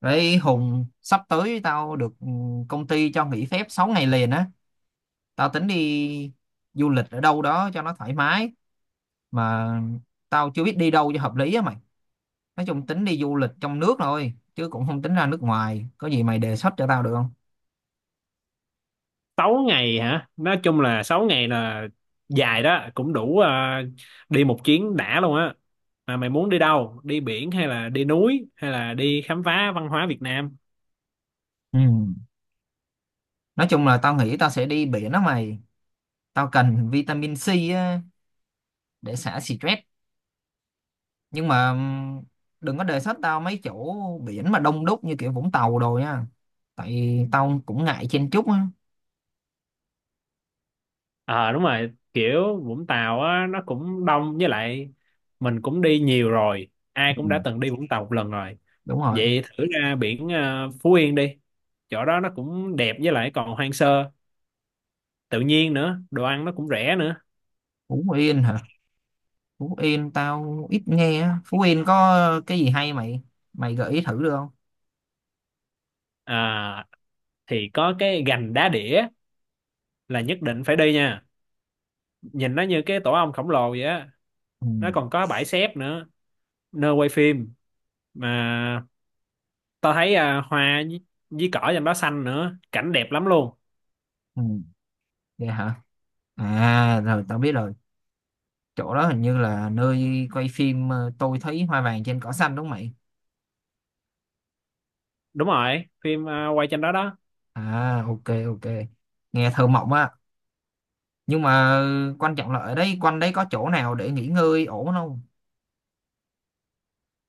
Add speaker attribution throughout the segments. Speaker 1: Đấy Hùng, sắp tới tao được công ty cho nghỉ phép 6 ngày liền á. Tao tính đi du lịch ở đâu đó cho nó thoải mái mà tao chưa biết đi đâu cho hợp lý á mày. Nói chung tính đi du lịch trong nước thôi chứ cũng không tính ra nước ngoài. Có gì mày đề xuất cho tao được không?
Speaker 2: Sáu ngày hả? Nói chung là 6 ngày là dài đó, cũng đủ đi một chuyến đã luôn á. Mà mày muốn đi đâu? Đi biển hay là đi núi hay là đi khám phá văn hóa Việt Nam?
Speaker 1: Ừ. Nói chung là tao nghĩ tao sẽ đi biển đó mày. Tao cần vitamin C á, để xả stress. Nhưng mà đừng có đề xuất tao mấy chỗ biển mà đông đúc như kiểu Vũng Tàu đồ nha. Tại tao cũng ngại chen chúc á.
Speaker 2: Ờ đúng rồi, kiểu Vũng Tàu á nó cũng đông với lại mình cũng đi nhiều rồi, ai cũng đã từng đi Vũng Tàu một lần rồi.
Speaker 1: Đúng rồi.
Speaker 2: Vậy thử ra biển Phú Yên đi. Chỗ đó nó cũng đẹp với lại còn hoang sơ, tự nhiên nữa, đồ ăn nó cũng rẻ nữa.
Speaker 1: Phú Yên hả? Phú Yên tao ít nghe á. Phú Yên có cái gì hay mày mày gợi ý thử được không?
Speaker 2: À, thì có cái gành đá đĩa là nhất định phải đi nha. Nhìn nó như cái tổ ong khổng lồ vậy á.
Speaker 1: Ừ,
Speaker 2: Nó còn có bãi xép nữa, nơi quay phim mà tao thấy hoa với cỏ trên đó xanh nữa, cảnh đẹp lắm luôn.
Speaker 1: ừ. Vậy hả? À, rồi tao biết rồi, chỗ đó hình như là nơi quay phim Tôi Thấy Hoa Vàng Trên Cỏ Xanh đúng không mày?
Speaker 2: Đúng rồi, phim quay trên đó đó.
Speaker 1: À, ok, ok, nghe thơ mộng á. Nhưng mà quan trọng là ở đây quanh đấy có chỗ nào để nghỉ ngơi ổn không?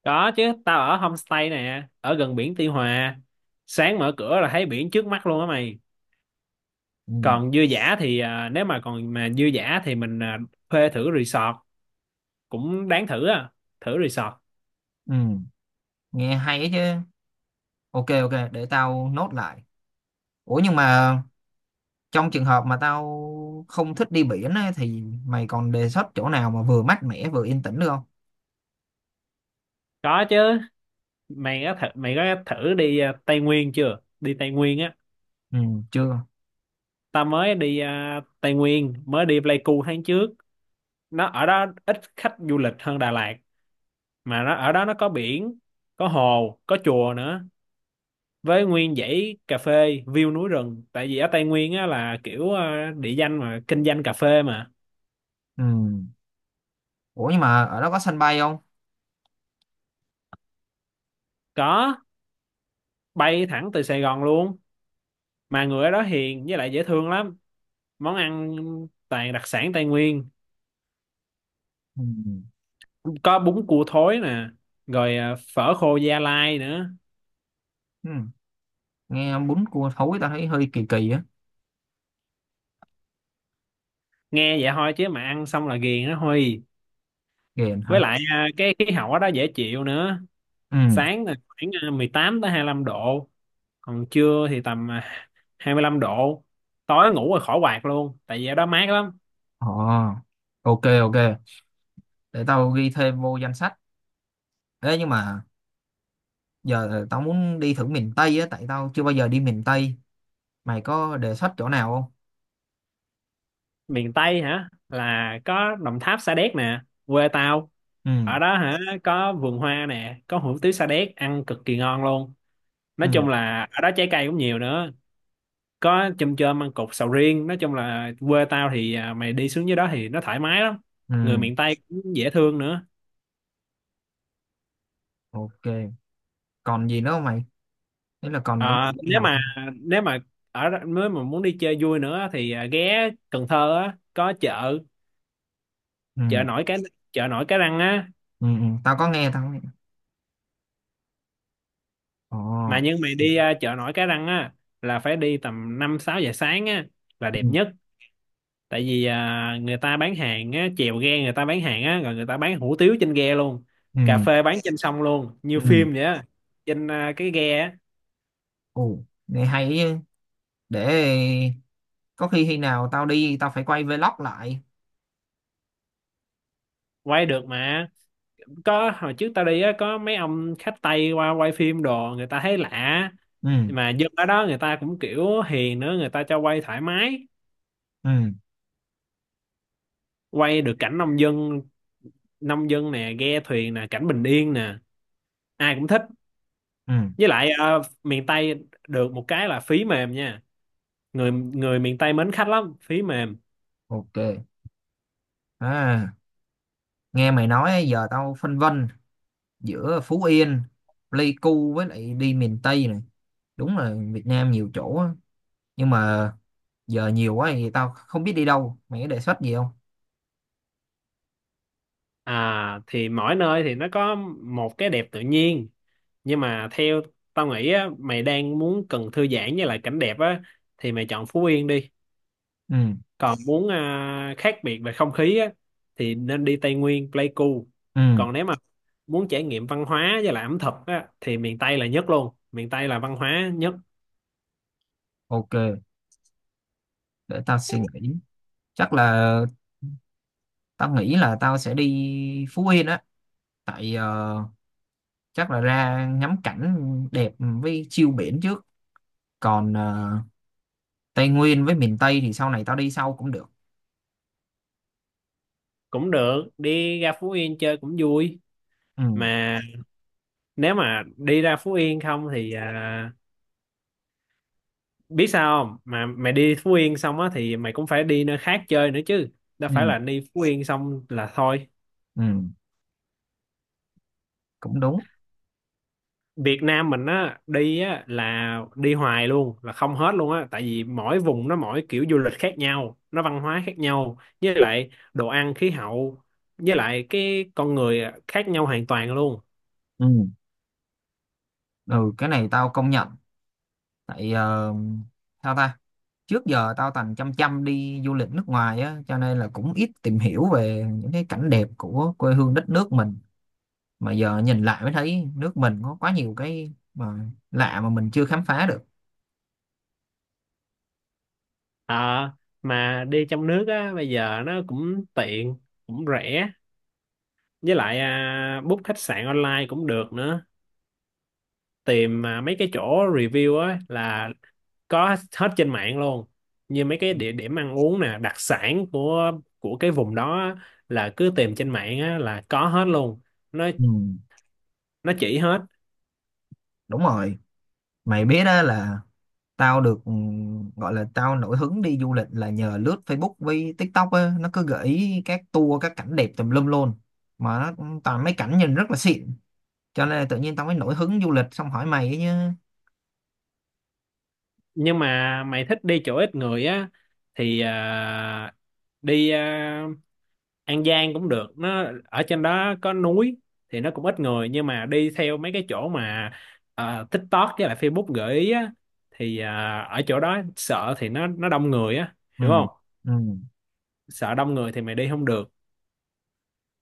Speaker 2: Có chứ, tao ở homestay nè, ở gần biển Tuy Hòa. Sáng mở cửa là thấy biển trước mắt luôn á mày.
Speaker 1: Ừ,
Speaker 2: Còn dư dả thì nếu mà còn mà dư dả thì mình thuê thử resort cũng đáng thử thử resort.
Speaker 1: ừ. Nghe hay ấy chứ. Ok, ok, để tao nốt lại. Ủa nhưng mà trong trường hợp mà tao không thích đi biển á, thì mày còn đề xuất chỗ nào mà vừa mát mẻ vừa yên tĩnh được không?
Speaker 2: Có chứ, mày có thử đi Tây Nguyên chưa, đi Tây Nguyên á.
Speaker 1: Ừ, chưa.
Speaker 2: Ta mới đi Tây Nguyên, mới đi Pleiku tháng trước. Nó ở đó ít khách du lịch hơn Đà Lạt, mà nó ở đó nó có biển, có hồ, có chùa nữa, với nguyên dãy cà phê view núi rừng. Tại vì ở Tây Nguyên á là kiểu địa danh mà kinh doanh cà phê mà.
Speaker 1: Ừ. Ủa nhưng mà ở đó có sân bay không?
Speaker 2: Có. Bay thẳng từ Sài Gòn luôn. Mà người ở đó hiền với lại dễ thương lắm, món ăn toàn đặc sản Tây Nguyên,
Speaker 1: Ừ.
Speaker 2: có bún cua thối nè, rồi phở khô Gia Lai nữa.
Speaker 1: Ừ. Nghe bún cua thối tao thấy hơi kỳ kỳ á.
Speaker 2: Nghe vậy thôi chứ mà ăn xong là ghiền đó thôi.
Speaker 1: Ghiền
Speaker 2: Với
Speaker 1: hả?
Speaker 2: lại cái khí hậu ở đó dễ chịu nữa.
Speaker 1: Ừ.
Speaker 2: Sáng là khoảng 18 tới 25 độ, còn trưa thì tầm 25 độ. Tối ngủ rồi khỏi quạt luôn tại vì ở đó mát lắm.
Speaker 1: Ồ. Ok, ok. Để tao ghi thêm vô danh sách. Ê nhưng mà giờ tao muốn đi thử miền Tây á, tại tao chưa bao giờ đi miền Tây. Mày có đề xuất chỗ nào không?
Speaker 2: Miền Tây hả? Là có Đồng Tháp, Sa Đéc nè, quê tao.
Speaker 1: Ừ.
Speaker 2: Ở đó hả, có vườn hoa nè, có hủ tiếu Sa Đéc ăn cực kỳ ngon luôn. Nói
Speaker 1: Ừ.
Speaker 2: chung là ở đó trái cây cũng nhiều nữa, có chôm chôm, ăn cục sầu riêng. Nói chung là quê tao thì mày đi xuống dưới đó thì nó thoải mái lắm.
Speaker 1: Ừ.
Speaker 2: Người miền Tây cũng dễ thương nữa.
Speaker 1: Ok. Còn gì nữa không mày? Thế là còn những chỗ
Speaker 2: À,
Speaker 1: nào không?
Speaker 2: nếu mà nếu mà muốn đi chơi vui nữa thì ghé Cần Thơ á, có chợ
Speaker 1: Ừ.
Speaker 2: chợ nổi cái chợ nổi Cái Răng á.
Speaker 1: Ừ, ừ. Tao có nghe, tao có nghe.
Speaker 2: mà
Speaker 1: Ồ.
Speaker 2: nhưng mày đi chợ nổi Cái Răng á là phải đi tầm 5-6 giờ sáng á là đẹp
Speaker 1: Ừ,
Speaker 2: nhất. Tại vì người ta bán hàng á, chèo ghe người ta bán hàng á, rồi người ta bán hủ tiếu trên ghe luôn,
Speaker 1: ừ,
Speaker 2: cà phê bán trên sông luôn như
Speaker 1: ừ.
Speaker 2: phim vậy á, trên cái ghe á.
Speaker 1: Ồ. Nghe hay ý. Để có khi khi nào tao đi tao phải quay vlog lại.
Speaker 2: Quay được mà. Có hồi trước tao đi á, có mấy ông khách Tây qua quay phim đồ, người ta thấy lạ.
Speaker 1: Ừ,
Speaker 2: Mà dân ở đó người ta cũng kiểu hiền nữa, người ta cho quay thoải mái.
Speaker 1: ừ,
Speaker 2: Quay được cảnh nông dân, nông dân nè, ghe thuyền nè, cảnh bình yên nè, ai cũng thích.
Speaker 1: ừ.
Speaker 2: Với lại miền Tây được một cái là phí mềm nha, người người miền Tây mến khách lắm, phí mềm.
Speaker 1: Ok. À, nghe mày nói á, giờ tao phân vân giữa Phú Yên, Pleiku với lại đi miền Tây này. Đúng là Việt Nam nhiều chỗ á. Nhưng mà giờ nhiều quá thì tao không biết đi đâu, mày có đề xuất gì không?
Speaker 2: À thì mỗi nơi thì nó có một cái đẹp tự nhiên. Nhưng mà theo tao nghĩ á, mày đang muốn cần thư giãn với lại cảnh đẹp á thì mày chọn Phú Yên đi.
Speaker 1: Ừ,
Speaker 2: Còn muốn khác biệt về không khí á thì nên đi Tây Nguyên, Pleiku.
Speaker 1: ừ.
Speaker 2: Còn nếu mà muốn trải nghiệm văn hóa với lại ẩm thực á thì miền Tây là nhất luôn, miền Tây là văn hóa nhất.
Speaker 1: Ok, để tao suy nghĩ. Chắc là tao nghĩ là tao sẽ đi Phú Yên á. Tại chắc là ra ngắm cảnh đẹp với chiêu biển trước. Còn Tây Nguyên với miền Tây thì sau này tao đi sau cũng được.
Speaker 2: Cũng được, đi ra Phú Yên chơi cũng vui.
Speaker 1: Ừ,
Speaker 2: Mà nếu mà đi ra Phú Yên không thì biết sao không, mà mày đi Phú Yên xong á thì mày cũng phải đi nơi khác chơi nữa chứ, đâu
Speaker 1: ừ,
Speaker 2: phải là đi Phú Yên xong là thôi.
Speaker 1: ừ, cũng đúng.
Speaker 2: Việt Nam mình á đi á là đi hoài luôn, là không hết luôn á, tại vì mỗi vùng nó mỗi kiểu du lịch khác nhau, nó văn hóa khác nhau, với lại đồ ăn, khí hậu, với lại cái con người khác nhau hoàn toàn luôn.
Speaker 1: Ừ, ừ, cái này tao công nhận. Tại sao ta, trước giờ tao toàn chăm chăm đi du lịch nước ngoài á cho nên là cũng ít tìm hiểu về những cái cảnh đẹp của quê hương đất nước mình. Mà giờ nhìn lại mới thấy nước mình có quá nhiều cái mà lạ mà mình chưa khám phá được.
Speaker 2: À, mà đi trong nước á bây giờ nó cũng tiện, cũng rẻ, với lại book khách sạn online cũng được nữa, tìm mấy cái chỗ review á là có hết trên mạng luôn. Như mấy cái
Speaker 1: Ừ.
Speaker 2: địa điểm ăn uống nè, đặc sản của cái vùng đó á, là cứ tìm trên mạng á là có hết luôn. nó
Speaker 1: Ừ,
Speaker 2: nó chỉ hết.
Speaker 1: đúng rồi. Mày biết đó là tao được gọi là tao nổi hứng đi du lịch là nhờ lướt Facebook với TikTok á, nó cứ gợi ý các tour các cảnh đẹp tùm lum luôn. Mà nó cũng toàn mấy cảnh nhìn rất là xịn, cho nên là tự nhiên tao mới nổi hứng du lịch xong hỏi mày ấy nhá.
Speaker 2: Nhưng mà mày thích đi chỗ ít người á thì đi An Giang cũng được, nó ở trên đó có núi thì nó cũng ít người. Nhưng mà đi theo mấy cái chỗ mà TikTok với lại Facebook gợi ý á, thì ở chỗ đó sợ thì nó đông người á,
Speaker 1: Ừ,
Speaker 2: hiểu không?
Speaker 1: ừ,
Speaker 2: Sợ đông người thì mày đi không được.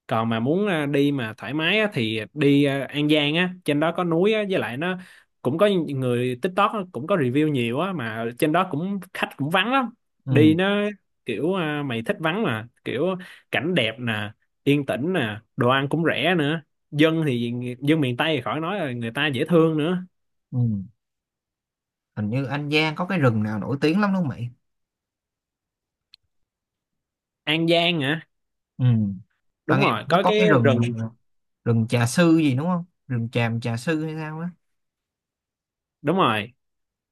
Speaker 2: Còn mà muốn đi mà thoải mái á, thì đi An Giang á, trên đó có núi á, với lại nó cũng có người TikTok á, cũng có review nhiều á mà trên đó cũng khách cũng vắng lắm.
Speaker 1: ừ,
Speaker 2: Đi nó kiểu mày thích vắng mà, kiểu cảnh đẹp nè, yên tĩnh nè, đồ ăn cũng rẻ nữa. dân thì dân miền Tây thì khỏi nói rồi, người ta dễ thương nữa.
Speaker 1: ừ. Hình như An Giang có cái rừng nào nổi tiếng lắm đúng không mày?
Speaker 2: An Giang hả?
Speaker 1: Ừ, tao
Speaker 2: Đúng
Speaker 1: nghe
Speaker 2: rồi,
Speaker 1: nó
Speaker 2: có
Speaker 1: có cái
Speaker 2: cái
Speaker 1: rừng
Speaker 2: rừng.
Speaker 1: rừng trà sư gì đúng không? Rừng tràm trà sư hay sao á.
Speaker 2: Đúng rồi,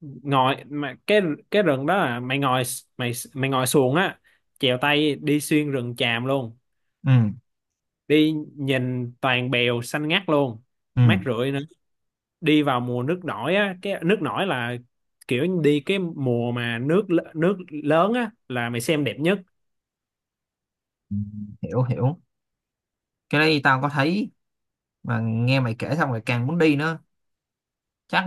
Speaker 2: ngồi mà cái rừng đó là mày ngồi xuồng á, chèo tay đi xuyên rừng tràm luôn.
Speaker 1: Ừ,
Speaker 2: Đi nhìn toàn bèo xanh ngắt luôn, mát
Speaker 1: ừ,
Speaker 2: rượi nữa. Đi vào mùa nước nổi á, cái nước nổi là kiểu đi cái mùa mà nước lớn á là mày xem đẹp nhất.
Speaker 1: ừ, hiểu hiểu. Cái đấy tao có thấy, mà nghe mày kể xong rồi càng muốn đi nữa. Chắc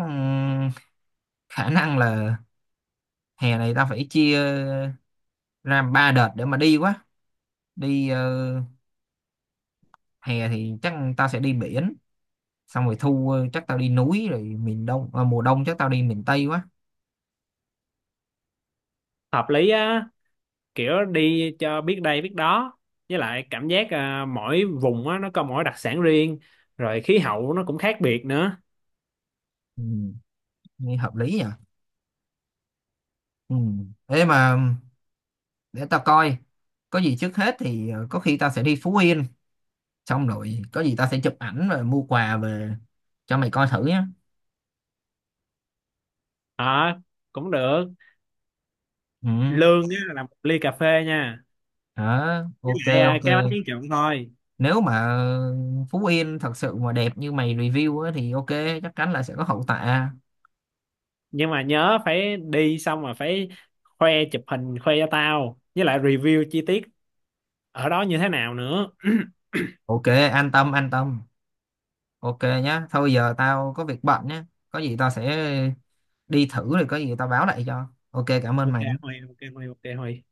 Speaker 1: khả năng là hè này tao phải chia ra 3 đợt để mà đi quá. Đi hè thì chắc tao sẽ đi biển, xong rồi thu chắc tao đi núi, rồi miền đông mùa đông chắc tao đi miền tây quá.
Speaker 2: Hợp lý á, kiểu đi cho biết đây biết đó. Với lại cảm giác mỗi vùng á nó có mỗi đặc sản riêng, rồi khí hậu nó cũng khác biệt nữa.
Speaker 1: Ừ, nghe hợp lý nhỉ. Ừ. Thế mà để tao coi, có gì trước hết thì có khi tao sẽ đi Phú Yên, xong rồi có gì tao sẽ chụp ảnh rồi mua quà về cho mày coi thử nhé.
Speaker 2: À, cũng được.
Speaker 1: Ừ.
Speaker 2: Lương á, là một ly cà phê nha,
Speaker 1: Đó,
Speaker 2: với
Speaker 1: ok.
Speaker 2: lại
Speaker 1: Ok,
Speaker 2: cái bánh tráng trộn thôi.
Speaker 1: nếu mà Phú Yên thật sự mà đẹp như mày review á, thì ok, chắc chắn là sẽ có hậu tạ.
Speaker 2: Nhưng mà nhớ phải đi xong rồi phải khoe, chụp hình khoe cho tao, với lại review chi tiết ở đó như thế nào nữa.
Speaker 1: Ok, an tâm, an tâm. Ok nhá, thôi giờ tao có việc bận nhá, có gì tao sẽ đi thử rồi có gì tao báo lại cho. Ok, cảm ơn
Speaker 2: Ok
Speaker 1: mày.
Speaker 2: Huy, ok Huy, ok Huy.